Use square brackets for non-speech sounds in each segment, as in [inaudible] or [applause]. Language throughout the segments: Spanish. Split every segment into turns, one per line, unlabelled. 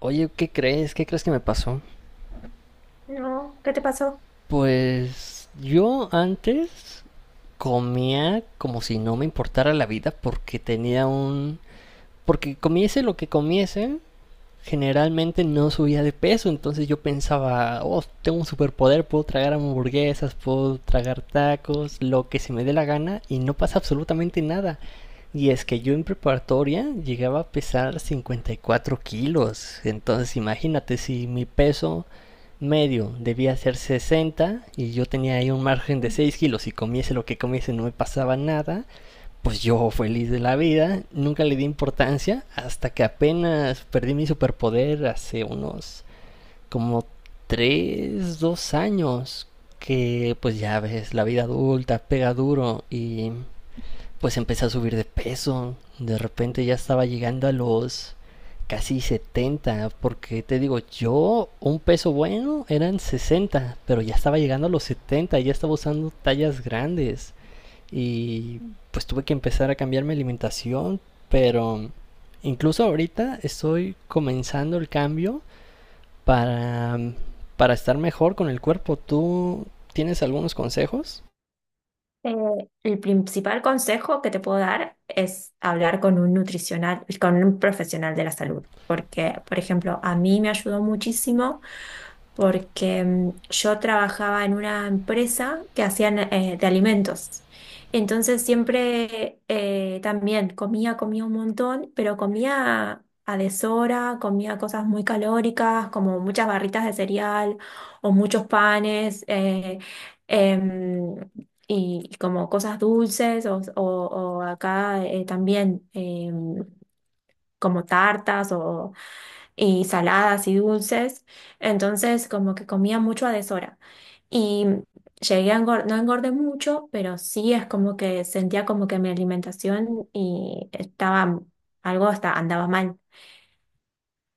Oye, ¿qué crees? ¿Qué crees que me pasó?
No, ¿qué te pasó?
Pues yo antes comía como si no me importara la vida porque comiese lo que comiese, generalmente no subía de peso. Entonces yo pensaba, oh, tengo un superpoder, puedo tragar hamburguesas, puedo tragar tacos, lo que se me dé la gana y no pasa absolutamente nada. Y es que yo en preparatoria llegaba a pesar 54 kilos, entonces imagínate, si mi peso medio debía ser 60 y yo tenía ahí un margen de
Mm.
6 kilos y comiese lo que comiese no me pasaba nada, pues yo feliz de la vida, nunca le di importancia hasta que apenas perdí mi superpoder hace unos como 3 2 años, que pues ya ves, la vida adulta pega duro y pues empecé a subir de peso. De repente ya estaba llegando a los casi 70, porque te digo, yo un peso bueno eran 60, pero ya estaba llegando a los 70, ya estaba usando tallas grandes y pues tuve que empezar a cambiar mi alimentación, pero incluso ahorita estoy comenzando el cambio para, para estar mejor con el cuerpo. ¿Tú tienes algunos consejos?
El principal consejo que te puedo dar es hablar con un nutricional, con un profesional de la salud, porque, por ejemplo, a mí me ayudó muchísimo porque yo trabajaba en una empresa que hacían de alimentos. Entonces siempre también comía un montón, pero comía a deshora, comía cosas muy calóricas, como muchas barritas de cereal o muchos panes. Em, Y como cosas dulces o acá también como tartas y saladas y dulces, entonces como que comía mucho a deshora. Y llegué a engordar, no engordé mucho, pero sí es como que sentía como que mi alimentación y estaba algo hasta andaba mal.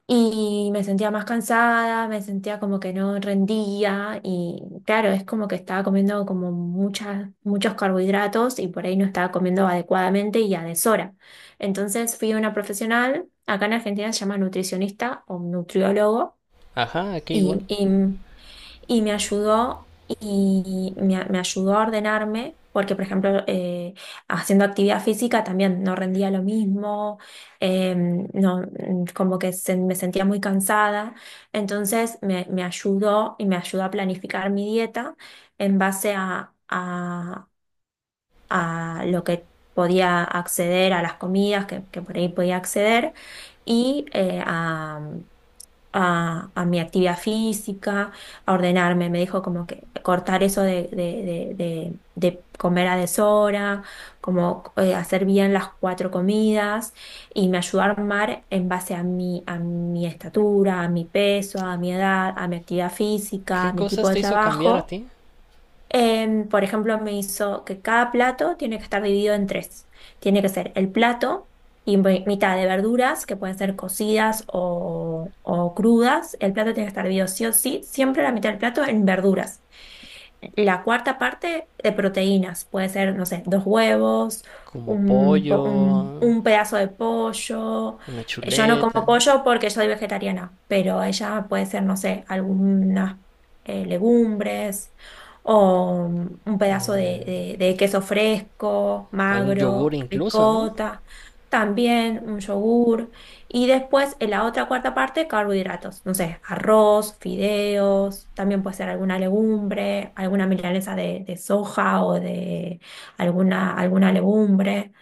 Y me sentía más cansada, me sentía como que no rendía y claro, es como que estaba comiendo como muchos carbohidratos y por ahí no estaba comiendo adecuadamente y a deshora. Entonces fui a una profesional, acá en Argentina se llama nutricionista o nutriólogo
Ajá, aquí
y,
igual.
y y me ayudó y me ayudó a ordenarme porque, por ejemplo, haciendo actividad física también no rendía lo mismo, eh, no, como que me sentía muy cansada. Entonces me ayudó y me ayudó a planificar mi dieta en base a lo que podía acceder a las comidas que por ahí podía acceder y a mi actividad física, a ordenarme. Me dijo como que cortar eso de comer a deshora, como hacer bien las cuatro comidas y me ayudó a armar en base a a mi estatura, a mi peso, a mi edad, a mi actividad física,
¿Qué
a mi tipo
cosas
de
te hizo cambiar a
trabajo.
ti?
Por ejemplo, me hizo que cada plato tiene que estar dividido en tres. Tiene que ser el plato y mitad de verduras, que pueden ser cocidas o crudas. El plato tiene que estar dividido sí o sí, siempre la mitad del plato en verduras. La cuarta parte de proteínas, puede ser, no sé, dos huevos,
Como pollo,
un pedazo de pollo.
una
Yo no como
chuleta,
pollo porque soy vegetariana, pero ella puede ser, no sé, algunas legumbres o un pedazo de queso fresco,
un yogur
magro,
incluso, ¿no?
ricota, también un yogur. Y después, en la otra cuarta parte, carbohidratos. No sé, arroz, fideos, también puede ser alguna legumbre, alguna milanesa de soja o de alguna legumbre.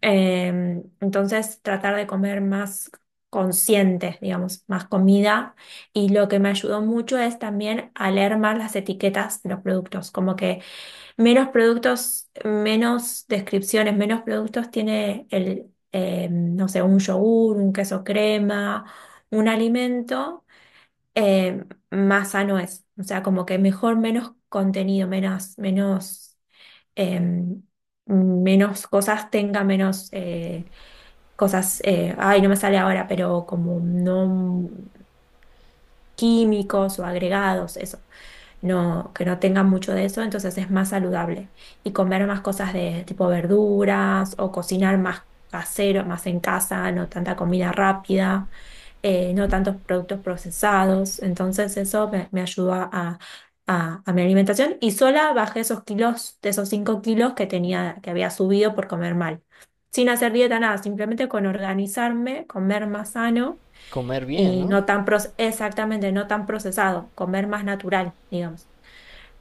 Entonces, tratar de comer más consciente, digamos, más comida. Y lo que me ayudó mucho es también a leer más las etiquetas de los productos. Como que menos productos, menos descripciones, menos productos tiene el, no sé, un yogur, un queso crema, un alimento, eh, más sano es. O sea, como que mejor menos contenido, em, menos cosas tenga, ay, no me sale ahora, pero como no químicos o agregados, eso no, que no tengan mucho de eso, entonces es más saludable. Y comer más cosas de tipo verduras o cocinar más casero, más en casa, no tanta comida rápida, no tantos productos procesados. Entonces eso me ayudó a mi alimentación y sola bajé esos kilos, de esos 5 kilos que tenía, que había subido por comer mal. Sin hacer dieta, nada, simplemente con organizarme, comer más sano
Comer bien,
y
¿no?
no tan, exactamente, no tan procesado, comer más natural, digamos.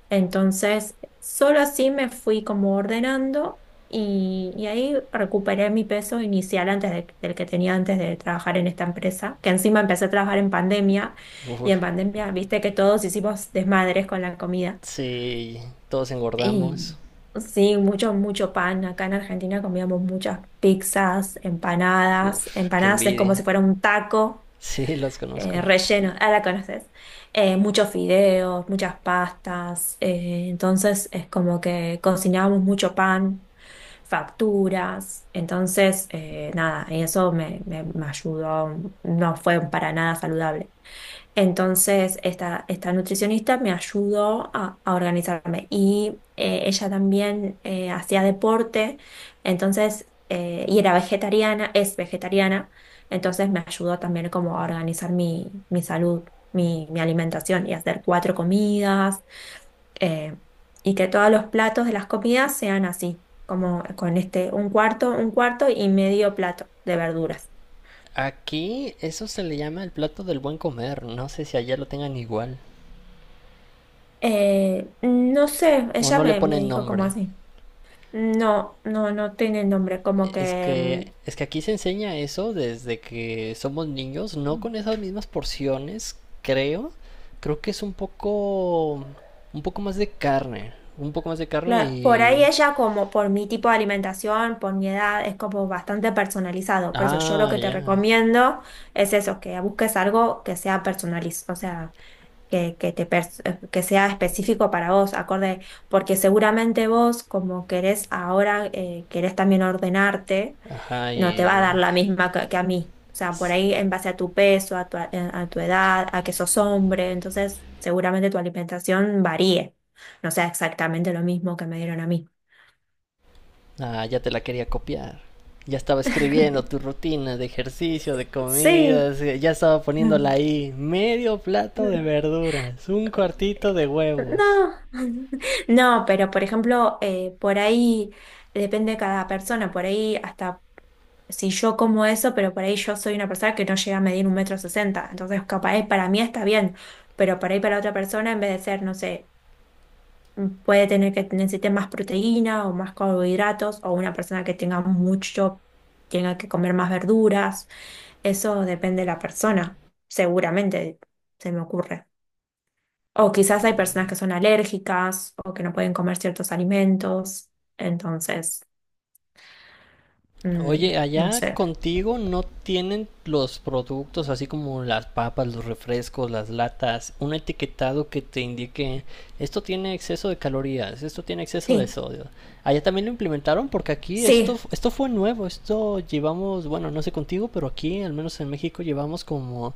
Entonces, solo así me fui como ordenando y ahí recuperé mi peso inicial del que tenía antes de trabajar en esta empresa, que encima empecé a trabajar en pandemia y
Uf,
en pandemia viste que todos hicimos desmadres con la comida.
sí, todos engordamos.
Y sí, mucho, mucho pan. Acá en Argentina comíamos muchas pizzas, empanadas.
Uf, qué
Empanadas es como
envidia.
si fuera un taco
[laughs] Sí, los conozco.
relleno, ah, la conoces, muchos fideos, muchas pastas, entonces es como que cocinábamos mucho pan, facturas, entonces nada, y eso me ayudó, no fue para nada saludable. Entonces, esta nutricionista me ayudó a organizarme y ella también hacía deporte, entonces, y era vegetariana, es vegetariana, entonces me ayudó también como a organizar mi salud, mi alimentación y hacer cuatro comidas eh, y que todos los platos de las comidas sean así, como con este, un cuarto y medio plato de verduras.
Aquí eso se le llama el plato del buen comer. No sé si allá lo tengan igual.
No sé,
O
ella
no le
me
ponen
dijo como
nombre.
así. No, no, no tiene nombre, como
Es
que
que, es que aquí se enseña eso desde que somos niños, no con esas mismas porciones, creo. Creo que es un poco más de carne, un poco más de carne
claro, por
y,
ahí ella como por mi tipo de alimentación, por mi edad, es como bastante personalizado. Por eso yo lo
ah,
que te
ya,
recomiendo es eso, que busques algo que sea personalizado, o sea, que que sea específico para vos, acorde, porque seguramente vos como querés ahora, querés también ordenarte,
ajá,
no te va a
y
dar la misma que a mí. O sea, por ahí en base a tu peso, a tu edad, a que sos hombre, entonces seguramente tu alimentación varíe no sea exactamente lo mismo que me dieron a mí.
ah, ya te la quería copiar. Ya estaba escribiendo
[laughs]
tu rutina de ejercicio, de
Sí.
comidas, ya estaba poniéndola
Mm.
ahí. Medio plato
No,
de verduras, un cuartito de huevos.
[laughs] no, pero por ejemplo, por ahí depende de cada persona, por ahí hasta si yo como eso, pero por ahí yo soy una persona que no llega a medir 1,60 m, entonces capaz para mí está bien, pero por ahí para otra persona en vez de ser, no sé, puede tener que necesite más proteína o más carbohidratos o una persona que tenga mucho, tenga que comer más verduras. Eso depende de la persona, seguramente se me ocurre. O quizás hay personas que son alérgicas o que no pueden comer ciertos alimentos. Entonces,
Oye,
mm, no
allá
sé.
contigo no tienen los productos, así como las papas, los refrescos, las latas, un etiquetado que te indique esto tiene exceso de calorías, esto tiene exceso de
Sí,
sodio. Allá también lo implementaron, porque aquí
sí,
esto, esto fue nuevo, esto llevamos, bueno, no sé contigo, pero aquí, al menos en México, llevamos como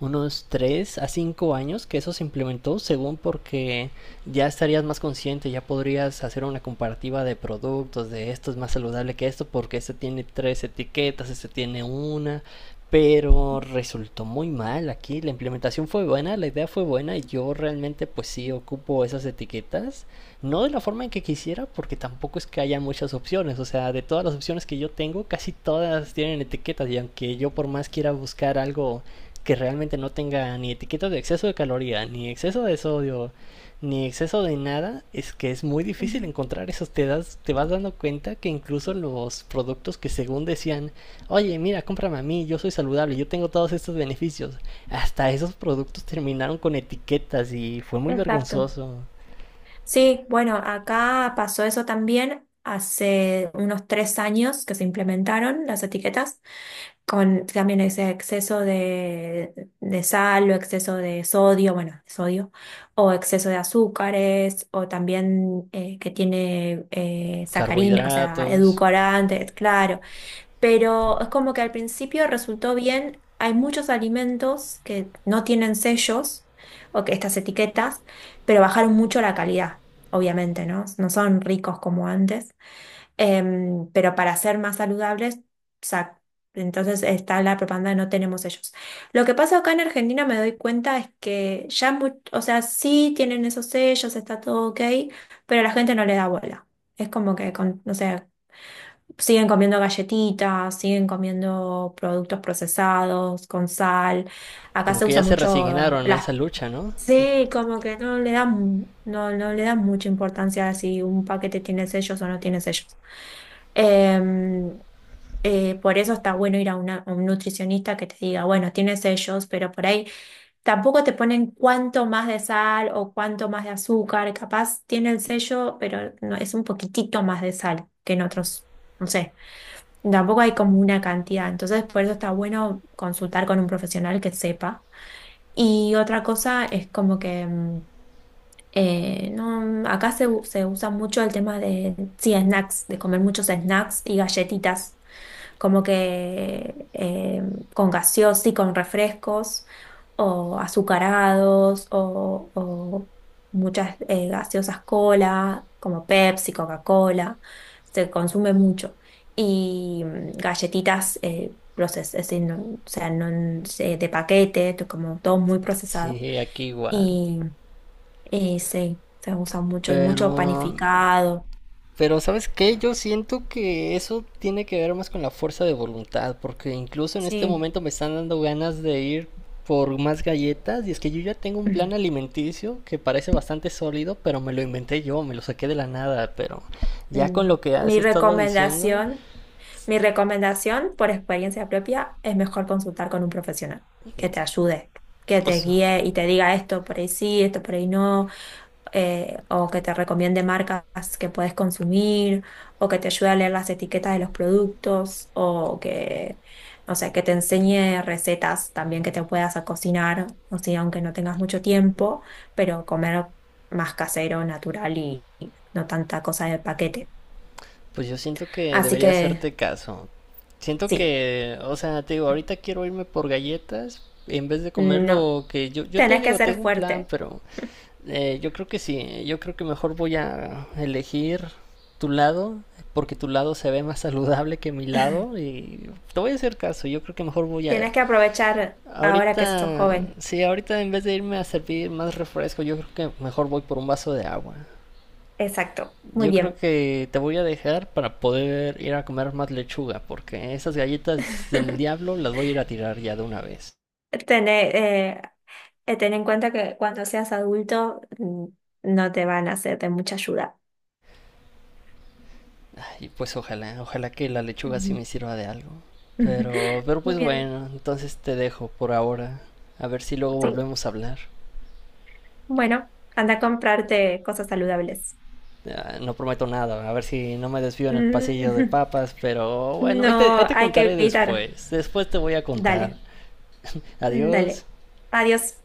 unos 3 a 5 años que eso se implementó, según porque ya estarías más consciente, ya podrías hacer una comparativa de productos, de esto es más saludable que esto porque este tiene tres etiquetas, este tiene una, pero resultó muy mal aquí. La implementación fue buena, la idea fue buena, y yo realmente pues sí ocupo esas etiquetas, no de la forma en que quisiera, porque tampoco es que haya muchas opciones. O sea, de todas las opciones que yo tengo, casi todas tienen etiquetas, y aunque yo por más quiera buscar algo que realmente no tenga ni etiquetas de exceso de caloría, ni exceso de sodio, ni exceso de nada, es que es muy difícil
ujú.
encontrar esos. Te vas dando cuenta que incluso los productos que según decían, oye, mira, cómprame a mí, yo soy saludable, yo tengo todos estos beneficios, hasta esos productos terminaron con etiquetas y fue muy
Exacto.
vergonzoso.
Sí, bueno, acá pasó eso también hace unos 3 años que se implementaron las etiquetas, con también ese exceso de sal o exceso de sodio, bueno, sodio, o exceso de azúcares, o también que tiene sacarina, o sea,
Carbohidratos,
edulcorantes, claro. Pero es como que al principio resultó bien. Hay muchos alimentos que no tienen sellos o que estas etiquetas, pero bajaron mucho la calidad, obviamente, ¿no? No son ricos como antes. Pero para ser más saludables, sa- entonces está la propaganda de no tenemos sellos. Lo que pasa acá en Argentina me doy cuenta es que ya, o sea, sí tienen esos sellos, está todo ok, pero la gente no le da bola. Es como que, con, no sé, siguen comiendo galletitas, siguen comiendo productos procesados con sal. Acá
como
se
que ya
usa
se
mucho
resignaron a
las.
esa lucha, ¿no?
Sí, como que no le dan, no, no le dan mucha importancia a si un paquete tiene sellos o no tiene sellos. Eh, por eso está bueno ir a a un nutricionista que te diga, bueno, tiene sellos, pero por ahí tampoco te ponen cuánto más de sal o cuánto más de azúcar. Capaz tiene el sello, pero no, es un poquitito más de sal que en otros, no sé. Tampoco hay como una cantidad, entonces por eso está bueno consultar con un profesional que sepa. Y otra cosa es como que no, acá se usa mucho el tema de, sí, snacks, de comer muchos snacks y galletitas como que con gaseos y con refrescos o azucarados o muchas gaseosas cola, como Pepsi, Coca-Cola, se consume mucho. Y galletitas es decir, o sea, de paquete, como todo muy procesado.
Sí, aquí igual.
Y, y sí, se usa mucho y
Pero
mucho panificado.
Pero ¿sabes qué? Yo siento que eso tiene que ver más con la fuerza de voluntad, porque incluso en este
Sí.
momento me están dando ganas de ir por más galletas, y es que yo ya tengo un plan
[laughs]
alimenticio que parece bastante sólido, pero me lo inventé yo, me lo saqué de la nada, pero ya con
Mm.
lo que has
Mi
estado diciendo,
recomendación. Mi recomendación, por experiencia propia, es mejor consultar con un profesional que te ayude, que
o
te
sea,
guíe y te diga esto por ahí sí, esto por ahí no, o que te recomiende marcas que puedes consumir, o que te ayude a leer las etiquetas de los productos, o que, no sé, que te enseñe recetas también que te puedas a cocinar, o sea, aunque no tengas mucho tiempo, pero comer más casero, natural y no tanta cosa de paquete.
pues yo siento que
Así
debería
que
hacerte caso. Siento
sí.
que, o sea, te digo, ahorita quiero irme por galletas en vez de comer
No,
lo que yo, te
tenés que
digo,
ser
tengo un plan,
fuerte.
pero yo creo que sí, yo creo que mejor voy a elegir tu lado, porque tu lado se ve más [laughs] saludable que mi lado, y te voy a hacer caso, yo creo que mejor voy a...
Tienes que aprovechar ahora que sos
Ahorita,
joven.
sí, ahorita en vez de irme a servir más refresco, yo creo que mejor voy por un vaso de agua.
Exacto. Muy
Yo creo
bien.
que te voy a dejar para poder ir a comer más lechuga, porque esas galletas del
[laughs]
diablo las voy a ir a tirar ya de una vez.
Tener, eh, Ten en cuenta que cuando seas adulto no te van a hacer de mucha ayuda.
Y pues ojalá, ojalá que la lechuga sí
Ujú.
me sirva de algo.
[laughs]
Pero
Muy
pues
bien.
bueno, entonces te dejo por ahora. A ver si luego
Sí.
volvemos a hablar.
Bueno, anda a comprarte cosas saludables.
Ah, no prometo nada, a ver si no me desvío en el pasillo de
Mm.
papas, pero
[laughs]
bueno, ahí te,
No
ahí te
hay que
contaré
evitar.
después. Después te voy a contar.
Dale,
Adiós.
dale. Adiós.